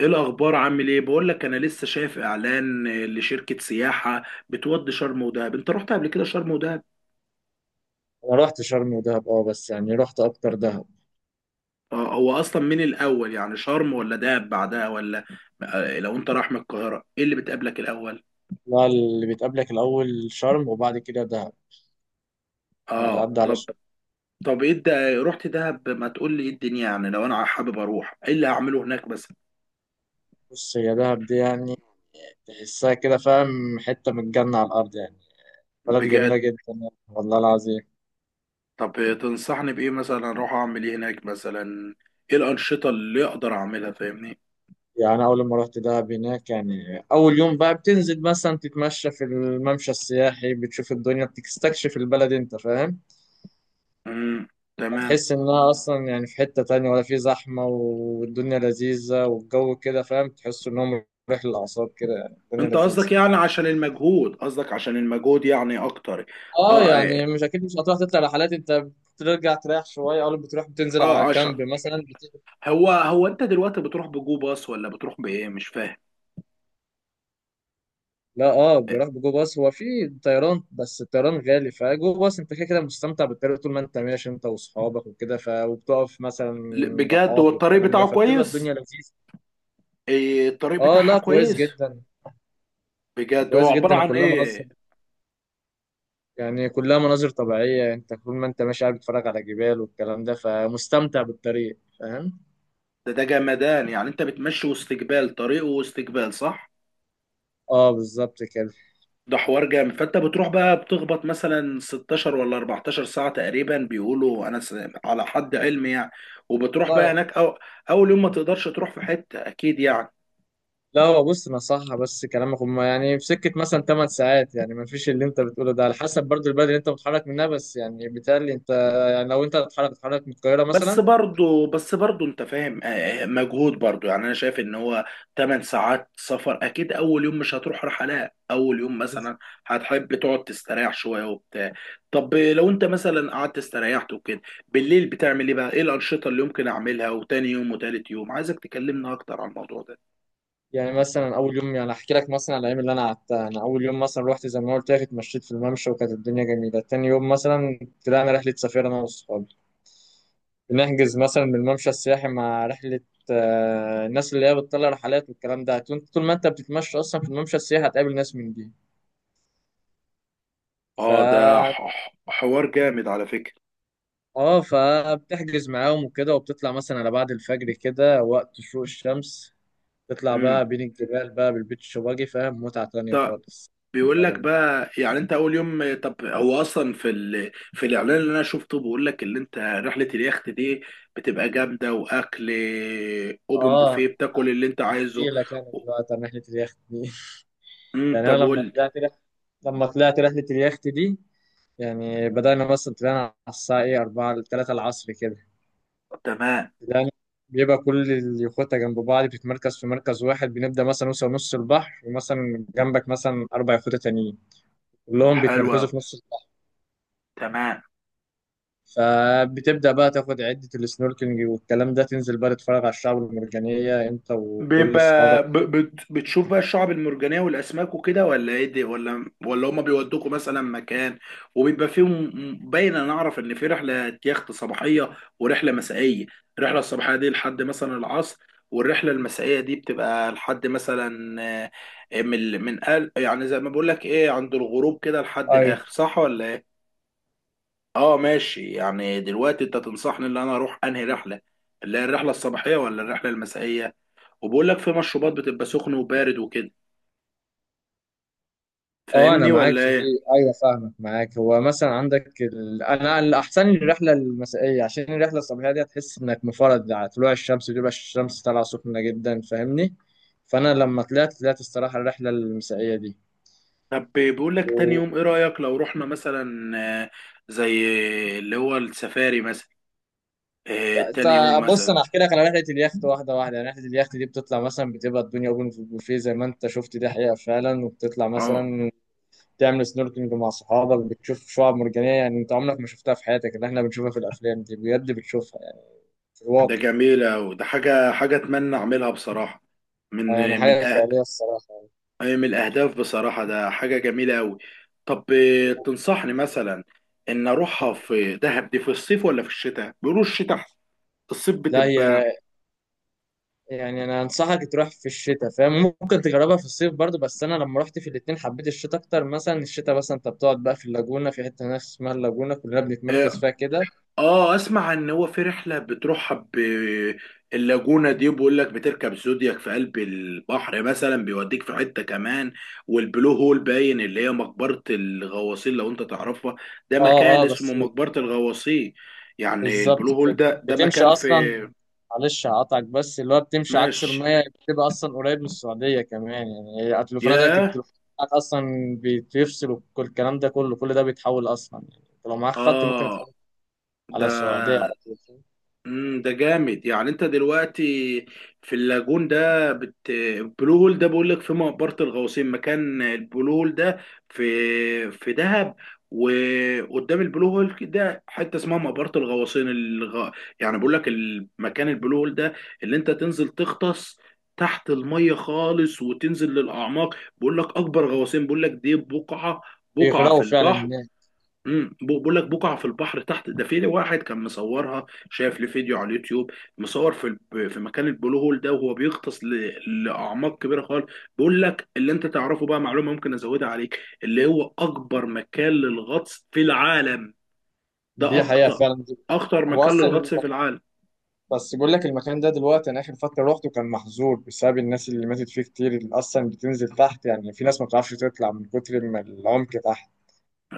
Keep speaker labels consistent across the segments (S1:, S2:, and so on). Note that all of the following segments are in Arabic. S1: ايه الاخبار؟ عامل ايه؟ بقول لك انا لسه شايف اعلان لشركه سياحه بتودي شرم ودهب. انت رحت قبل كده شرم ودهب؟
S2: انا رحت شرم ودهب اه بس يعني رحت اكتر دهب.
S1: هو اصلا من الاول، يعني شرم ولا دهب بعدها ولا؟ لو انت رايح من القاهره، ايه اللي بتقابلك الاول؟
S2: لا اللي بتقابلك الاول شرم وبعد كده دهب. يعني
S1: اه،
S2: بتعدي على
S1: طب.
S2: شرم.
S1: طب ايه ده، رحت دهب؟ ما تقول لي ايه الدنيا، يعني لو انا حابب اروح ايه اللي هعمله هناك مثلا؟
S2: بص هي دهب دي يعني تحسها كده، فاهم، حته من الجنه على الارض يعني. بلد جميله
S1: بجد؟
S2: جدا يعني، والله العظيم.
S1: طب، تنصحني بايه مثلا؟ اروح اعمل ايه هناك مثلا؟ ايه الانشطه اللي اقدر اعملها؟ فاهمني.
S2: يعني اول ما رحت دهب هناك، يعني اول يوم بقى بتنزل مثلا تتمشى في الممشى السياحي، بتشوف الدنيا، بتستكشف البلد، انت فاهم.
S1: امم. تمام.
S2: هتحس انها اصلا يعني في حتة تانية، ولا في زحمة، والدنيا لذيذة، والجو كده، فاهم، تحس انهم مريح للاعصاب كده، يعني الدنيا
S1: انت
S2: لذيذة.
S1: قصدك يعني عشان المجهود، قصدك عشان المجهود يعني اكتر؟
S2: اه
S1: اه،
S2: يعني
S1: اه.
S2: مش اكيد مش هتروح تطلع رحلات انت. بترجع تريح شوية، او بتروح بتنزل على
S1: عشان.
S2: كامب مثلا
S1: هو انت دلوقتي بتروح بجو باص ولا بتروح بايه؟ مش فاهم.
S2: لا اه بروح بجو باص. هو في طيران بس الطيران غالي، فجو باص انت كده كده مستمتع بالطريق طول ما انت ماشي انت واصحابك وكده، ف وبتقف مثلا
S1: بجد هو
S2: راحات
S1: الطريق
S2: والكلام ده،
S1: بتاعه
S2: فبتبقى الدنيا
S1: كويس؟
S2: لذيذة.
S1: ايه، الطريق
S2: اه
S1: بتاعها
S2: لا كويس
S1: كويس؟
S2: جدا.
S1: بجد؟
S2: كويس
S1: هو عبارة
S2: جدا
S1: عن
S2: وكلها منظم.
S1: ايه؟
S2: يعني كلها مناظر طبيعية، انت طول ما انت ماشي قاعد بتتفرج على جبال والكلام ده، فمستمتع بالطريق فاهم.
S1: ده جمدان، يعني انت بتمشي وسط جبال، طريق وسط جبال، صح؟
S2: اه بالظبط كده.
S1: ده حوار جامد. فانت بتروح بقى بتخبط مثلا 16 ولا 14 ساعة تقريبا، بيقولوا انا على حد علمي يعني. وبتروح بقى
S2: والله
S1: هناك اول يوم ما تقدرش تروح في حتة اكيد يعني.
S2: لا هو بص نصحها بس كلامك، هما يعني في سكة مثلا 8 ساعات، يعني ما فيش اللي انت بتقوله ده، على حسب برضو البلد اللي انت متحرك منها، بس يعني بالتالي انت يعني لو انت هتتحرك تتحرك من القاهرة
S1: بس
S2: مثلا.
S1: برضه بس برضه انت فاهم، مجهود برضه، يعني انا شايف ان هو 8 ساعات سفر، اكيد اول يوم مش هتروح رحلات اول يوم
S2: بس-
S1: مثلا. هتحب تقعد تستريح شويه وبتاع. طب لو انت مثلا قعدت استريحت وكده، بالليل بتعمل ايه بقى؟ ايه الانشطه اللي ممكن اعملها؟ وتاني يوم وتالت يوم عايزك تكلمنا اكتر عن الموضوع ده.
S2: يعني مثلا اول يوم، يعني احكي لك مثلا على الايام اللي انا قعدتها. انا اول يوم مثلا رحت زي ما قلت لك اتمشيت في الممشى وكانت الدنيا جميلة. تاني يوم مثلا طلعنا رحلة سفاري انا واصحابي. نحجز مثلا من الممشى السياحي مع رحلة. الناس اللي هي بتطلع رحلات والكلام ده، طول ما انت بتتمشى اصلا في الممشى السياحي هتقابل ناس من دي.
S1: اه، ده
S2: ف
S1: حوار جامد على فكره.
S2: اه فبتحجز معاهم وكده، وبتطلع مثلا على بعد الفجر كده، وقت شروق الشمس. تطلع
S1: امم.
S2: بقى بين الجبال بقى بالبيتش باجي، فاهم، متعة تانية خالص.
S1: بيقول لك
S2: طبعا.
S1: بقى، يعني انت اول يوم، طب هو اصلا في الاعلان اللي انا شفته بيقول لك، اللي انت رحله اليخت دي بتبقى جامده، واكل اوبن بوفيه
S2: اه
S1: بتاكل اللي انت
S2: احكي
S1: عايزه.
S2: لك انا
S1: و...
S2: دلوقتي عن رحلة اليخت دي.
S1: امم،
S2: يعني انا
S1: طب قول
S2: لما
S1: لي.
S2: لما طلعت رحلة اليخت دي، يعني بدأنا مثلا طلعنا على الساعة إيه أربعة لتلاتة العصر كده.
S1: تمام.
S2: بدأنا، بيبقى كل اليخوتة جنب بعض بتتمركز في مركز واحد. بنبدأ مثلا نوصل نص البحر، ومثلا جنبك مثلا أربع يخوتة تانيين، كلهم بيتمركزوا
S1: حلوه.
S2: في نص البحر.
S1: تمام.
S2: فبتبدأ بقى تاخد عدة السنوركلينج والكلام ده، تنزل بقى تتفرج على الشعب المرجانية أنت وكل
S1: بيبقى
S2: أصحابك.
S1: بتشوف بقى الشعب المرجانية والأسماك وكده؟ ولا ايه دي، ولا هما بيودوكوا مثلا مكان وبيبقى فيهم؟ باين. أنا أعرف إن في رحلة يخت صباحية ورحلة مسائية. الرحلة الصباحية دي لحد مثلا العصر، والرحلة المسائية دي بتبقى لحد مثلا من قل، يعني زي ما بقول لك ايه، عند الغروب كده لحد
S2: أي.
S1: الآخر، صح ولا ايه؟ اه ماشي، يعني دلوقتي انت تنصحني ان انا اروح انهي رحلة؟ اللي هي الرحلة الصباحية ولا الرحلة المسائية؟ وبقول لك في مشروبات بتبقى سخن وبارد وكده.
S2: اه انا
S1: فاهمني
S2: معاك
S1: ولا
S2: في دي.
S1: ايه؟
S2: ايوه فاهمك معاك. هو مثلا عندك انا الاحسن لي الرحله المسائيه، عشان الرحله الصباحيه دي هتحس انك مفرد على طلوع الشمس، بيبقى الشمس طالعه سخنه جدا، فاهمني. فانا لما طلعت الصراحه الرحله المسائيه دي.
S1: طب بقول لك، تاني
S2: و...
S1: يوم ايه رأيك لو رحنا مثلا آه، زي اللي هو السفاري مثلا،
S2: لا
S1: تاني يوم
S2: بص
S1: مثلا.
S2: انا احكي لك على رحله اليخت واحده واحده. يعني رحله اليخت دي بتطلع مثلا، بتبقى الدنيا اوبن في البوفيه زي ما انت شفت، دي حقيقه فعلا. وبتطلع
S1: اه،
S2: مثلا تعمل سنوركلينج مع صحابك، بتشوف شعاب مرجانيه يعني انت عمرك ما شفتها في حياتك، اللي احنا بنشوفها في الافلام دي بجد بتشوفها يعني في
S1: ده
S2: الواقع.
S1: جميلة، وده حاجة اتمنى اعملها بصراحة.
S2: يعني
S1: من من
S2: حاجة
S1: أه...
S2: خيالية الصراحة.
S1: من الاهداف بصراحة، ده حاجة جميلة قوي. طب، تنصحني مثلا ان اروحها في دهب دي في الصيف ولا في الشتاء؟ بيقولوا الشتاء أحسن. الصيف
S2: لا
S1: بتبقى
S2: هي يعني أنا أنصحك تروح في الشتاء، فاهم. ممكن تجربها في الصيف برضو، بس أنا لما رحت في الاتنين حبيت الشتاء أكتر. مثلا الشتاء مثلا أنت بتقعد بقى في اللاجونة، في حتة هناك اسمها اللاجونة كلنا بنتمركز
S1: آه،
S2: فيها كده.
S1: اه، اسمع ان هو في رحله بتروحها باللاجونه دي بيقول لك، بتركب زودياك في قلب البحر مثلا بيوديك في حته كمان. والبلو هول، باين اللي هي مقبره الغواصين، لو انت تعرفها. ده
S2: أه
S1: مكان
S2: أه
S1: اسمه
S2: بس
S1: مقبره الغواصين، يعني البلو
S2: بالظبط
S1: هول
S2: كده.
S1: ده، ده
S2: بتمشي
S1: مكان
S2: أصلا،
S1: في.
S2: معلش هقطعك، بس اللي هو بتمشي عكس
S1: ماشي.
S2: المية، بتبقى أصلا قريب من السعودية كمان، يعني هي تليفوناتك
S1: ياه.
S2: بتروح أصلا، بيفصل وكل الكلام ده كله، كل ده بيتحول أصلا، يعني لو معاك خط ممكن
S1: اه.
S2: يتحول
S1: ده
S2: على السعودية على طول.
S1: امم، ده جامد، يعني انت دلوقتي في اللاجون ده البلو هول ده، بقول لك في مقبرة الغوصين مكان البلو هول ده، في دهب. وقدام البلو هول ده حته اسمها مقبرة الغواصين، يعني بقول لك المكان البلو هول ده، اللي انت تنزل تغطس تحت الميه خالص وتنزل للاعماق، بقول لك اكبر غواصين، بقول لك دي بقعه في
S2: بيغرقوا فعلا
S1: البحر.
S2: هناك.
S1: امم، بقول لك بقع في البحر تحت، ده في واحد كان مصورها، شاف لي فيديو على اليوتيوب، مصور في مكان البلو هول ده وهو بيغطس لاعماق كبيره خالص. بقول لك، اللي انت تعرفه بقى معلومه ممكن ازودها عليك، اللي هو اكبر مكان للغطس في العالم، ده
S2: دي حقيقة فعلا دي.
S1: اخطر
S2: هو
S1: مكان
S2: أصلا الم-
S1: للغطس في العالم.
S2: بس بقول لك المكان ده دلوقتي، أنا آخر فترة روحته كان محظور بسبب الناس اللي ماتت فيه كتير، اللي أصلا بتنزل تحت يعني في ناس ما بتعرفش تطلع من كتر ما العمق تحت،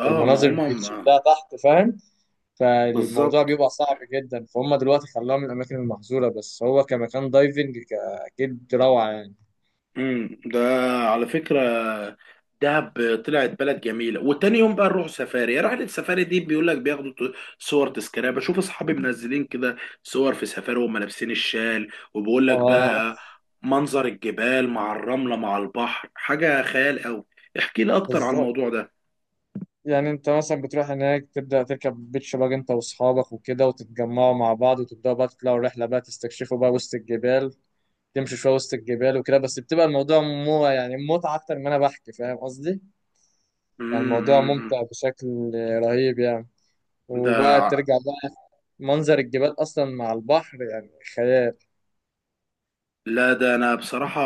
S1: اه، ما
S2: المناظر
S1: هما ما
S2: بتشدها تحت فاهم. فالموضوع
S1: بالظبط.
S2: بيبقى صعب جدا، فهم دلوقتي خلوها من الأماكن المحظورة، بس هو كمكان دايفنج أكيد روعة يعني.
S1: امم، ده على فكرة، دهب طلعت بلد جميلة. وتاني يوم بقى نروح سفاري. رحلة السفاري دي بيقول لك بياخدوا صور تذكارية، بشوف اصحابي منزلين كده صور في سفاري، وهم لابسين الشال، وبيقول لك
S2: آه
S1: بقى منظر الجبال مع الرملة مع البحر حاجة خيال قوي. احكي لي اكتر عن
S2: بالظبط.
S1: الموضوع ده.
S2: يعني انت مثلا بتروح هناك تبدأ تركب بيتش باج انت واصحابك وكده، وتتجمعوا مع بعض وتبدأوا بقى تطلعوا رحلة بقى تستكشفوا بقى وسط الجبال، تمشوا شوية وسط الجبال وكده، بس بتبقى الموضوع مو يعني متعة أكتر ما أنا بحكي، فاهم قصدي؟ يعني
S1: امم،
S2: الموضوع
S1: أمم، أمم.
S2: ممتع بشكل رهيب يعني. وبقى
S1: ده
S2: ترجع بقى، منظر الجبال أصلا مع البحر يعني خيال.
S1: لا، ده انا بصراحة،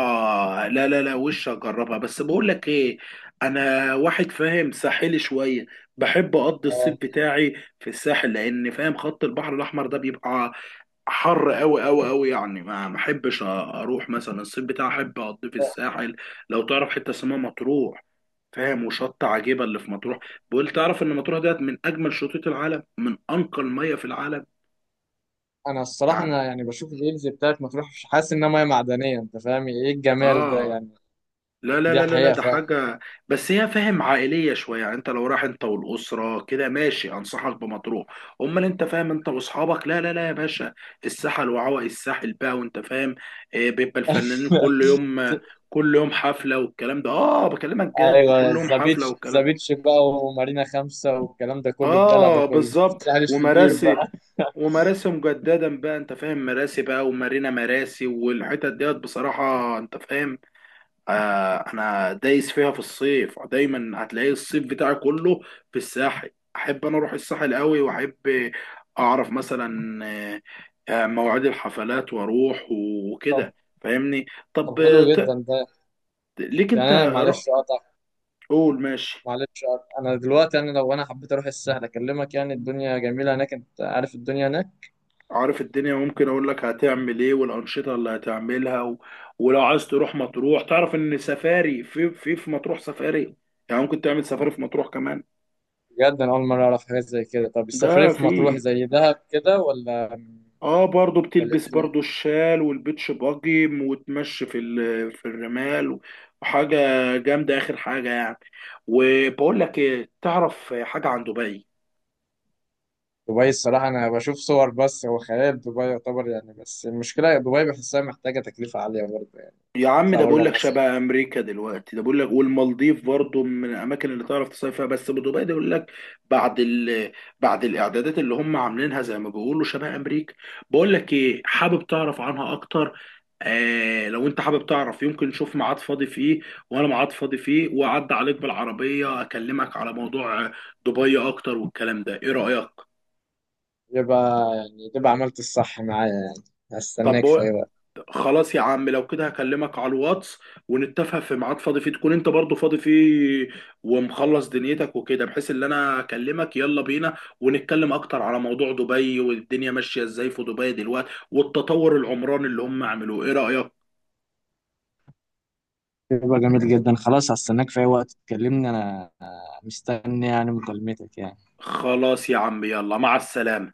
S1: لا، لا، لا، وش اجربها، بس بقول لك ايه، انا واحد فاهم ساحلي شوية، بحب اقضي الصيف
S2: اه
S1: بتاعي في الساحل لان، فاهم، خط البحر الاحمر ده بيبقى حر قوي قوي قوي، يعني ما احبش اروح مثلا، الصيف بتاعي احب اقضيه في الساحل. لو تعرف حتة اسمها مطروح، فاهم، وشط عجيبة اللي في مطروح. بقول، تعرف ان مطروح ديت من اجمل شطوط العالم، من انقى المية في العالم،
S2: أنا الصراحة
S1: يعني.
S2: أنا يعني بشوف الريلز بتاعت مطروح، مش حاسس إنها مية معدنية، أنت فاهم إيه الجمال ده
S1: اه،
S2: يعني.
S1: لا، لا،
S2: دي
S1: لا، لا، لا،
S2: حقيقة
S1: ده
S2: فعلا.
S1: حاجة. بس هي، فاهم، عائلية شوية، يعني انت لو رايح انت والأسرة كده ماشي انصحك بمطروح. امال انت فاهم، انت واصحابك، لا، لا، لا، يا باشا. الساحل، وعوائي الساحل بقى، وانت فاهم، بيبقى الفنانين كل يوم، كل يوم حفلة والكلام ده. اه بكلمك جد،
S2: ايوه
S1: كل يوم حفلة
S2: زابيتش
S1: والكلام ده.
S2: زابيتش بقى، ومارينا خمسة والكلام ده كله، الدلع ده
S1: اه،
S2: كله.
S1: بالظبط،
S2: مش كبير
S1: ومراسي.
S2: بقى.
S1: ومراسي مجددا بقى، انت فاهم، مراسي بقى ومارينا مراسي والحتت ديت بصراحة، انت فاهم. آه، انا دايس فيها في الصيف دايما، هتلاقي الصيف بتاعي كله في الساحل. احب انا اروح الساحل قوي، واحب اعرف مثلا مواعيد الحفلات واروح
S2: طب
S1: وكده. فاهمني.
S2: طب
S1: طب،
S2: حلو جدا ده.
S1: ليك
S2: يعني
S1: انت
S2: انا
S1: رأ-
S2: معلش اقطع
S1: قول، ماشي.
S2: معلش اقطع انا دلوقتي انا لو انا حبيت اروح السهل اكلمك، يعني الدنيا جميله هناك، انت عارف الدنيا هناك.
S1: عارف الدنيا، ممكن اقول لك هتعمل ايه والانشطه اللي هتعملها ولو عايز تروح مطروح، تعرف ان سفاري في مطروح سفاري، يعني ممكن تعمل سفاري في مطروح كمان.
S2: بجد انا اول مره اعرف حاجات زي كده. طب السفريه
S1: ده
S2: في مطروح
S1: في،
S2: زي دهب كده، ولا
S1: اه برضو
S2: ولا إيه
S1: بتلبس برضو
S2: الدنيا؟
S1: الشال والبيتش باجي وتمشي في الرمال، وحاجة جامدة آخر حاجة يعني. وبقول لك ايه، تعرف حاجة عن دبي؟
S2: دبي الصراحه انا بشوف صور، بس هو خيال، دبي يعتبر يعني، بس المشكله دبي بحسها محتاجه تكلفه عاليه برضه يعني.
S1: يا عم،
S2: تطلع
S1: ده
S2: بره.
S1: بقول لك شبه امريكا دلوقتي، ده بقول لك، والمالديف برضو من الاماكن اللي تعرف تصيف فيها، بس ابو دبي ده بيقول لك بعد ال... بعد الاعدادات اللي هم عاملينها زي ما بيقولوا شبه امريكا. بقول لك ايه، حابب تعرف عنها اكتر؟ آه، لو انت حابب تعرف، يمكن نشوف ميعاد فاضي فيه، وانا ميعاد فاضي فيه، واعدي عليك بالعربيه اكلمك على موضوع دبي اكتر والكلام ده. ايه رايك؟
S2: يبقى يعني تبقى عملت الصح معايا يعني. هستناك في أي
S1: طب،
S2: وقت.
S1: خلاص يا عم، لو كده هكلمك على الواتس، ونتفق في ميعاد فاضي فيه تكون انت برضو فاضي فيه، ومخلص دنيتك وكده، بحيث ان انا اكلمك يلا بينا ونتكلم اكتر على موضوع دبي، والدنيا ماشية ازاي في دبي دلوقتي، والتطور العمراني اللي هم عملوه. ايه رأيك؟
S2: يبقى جميل جدا، خلاص هستناك في أي وقت تكلمني، أنا مستني يعني مكالمتك يعني.
S1: خلاص يا عم، يلا، مع السلامة.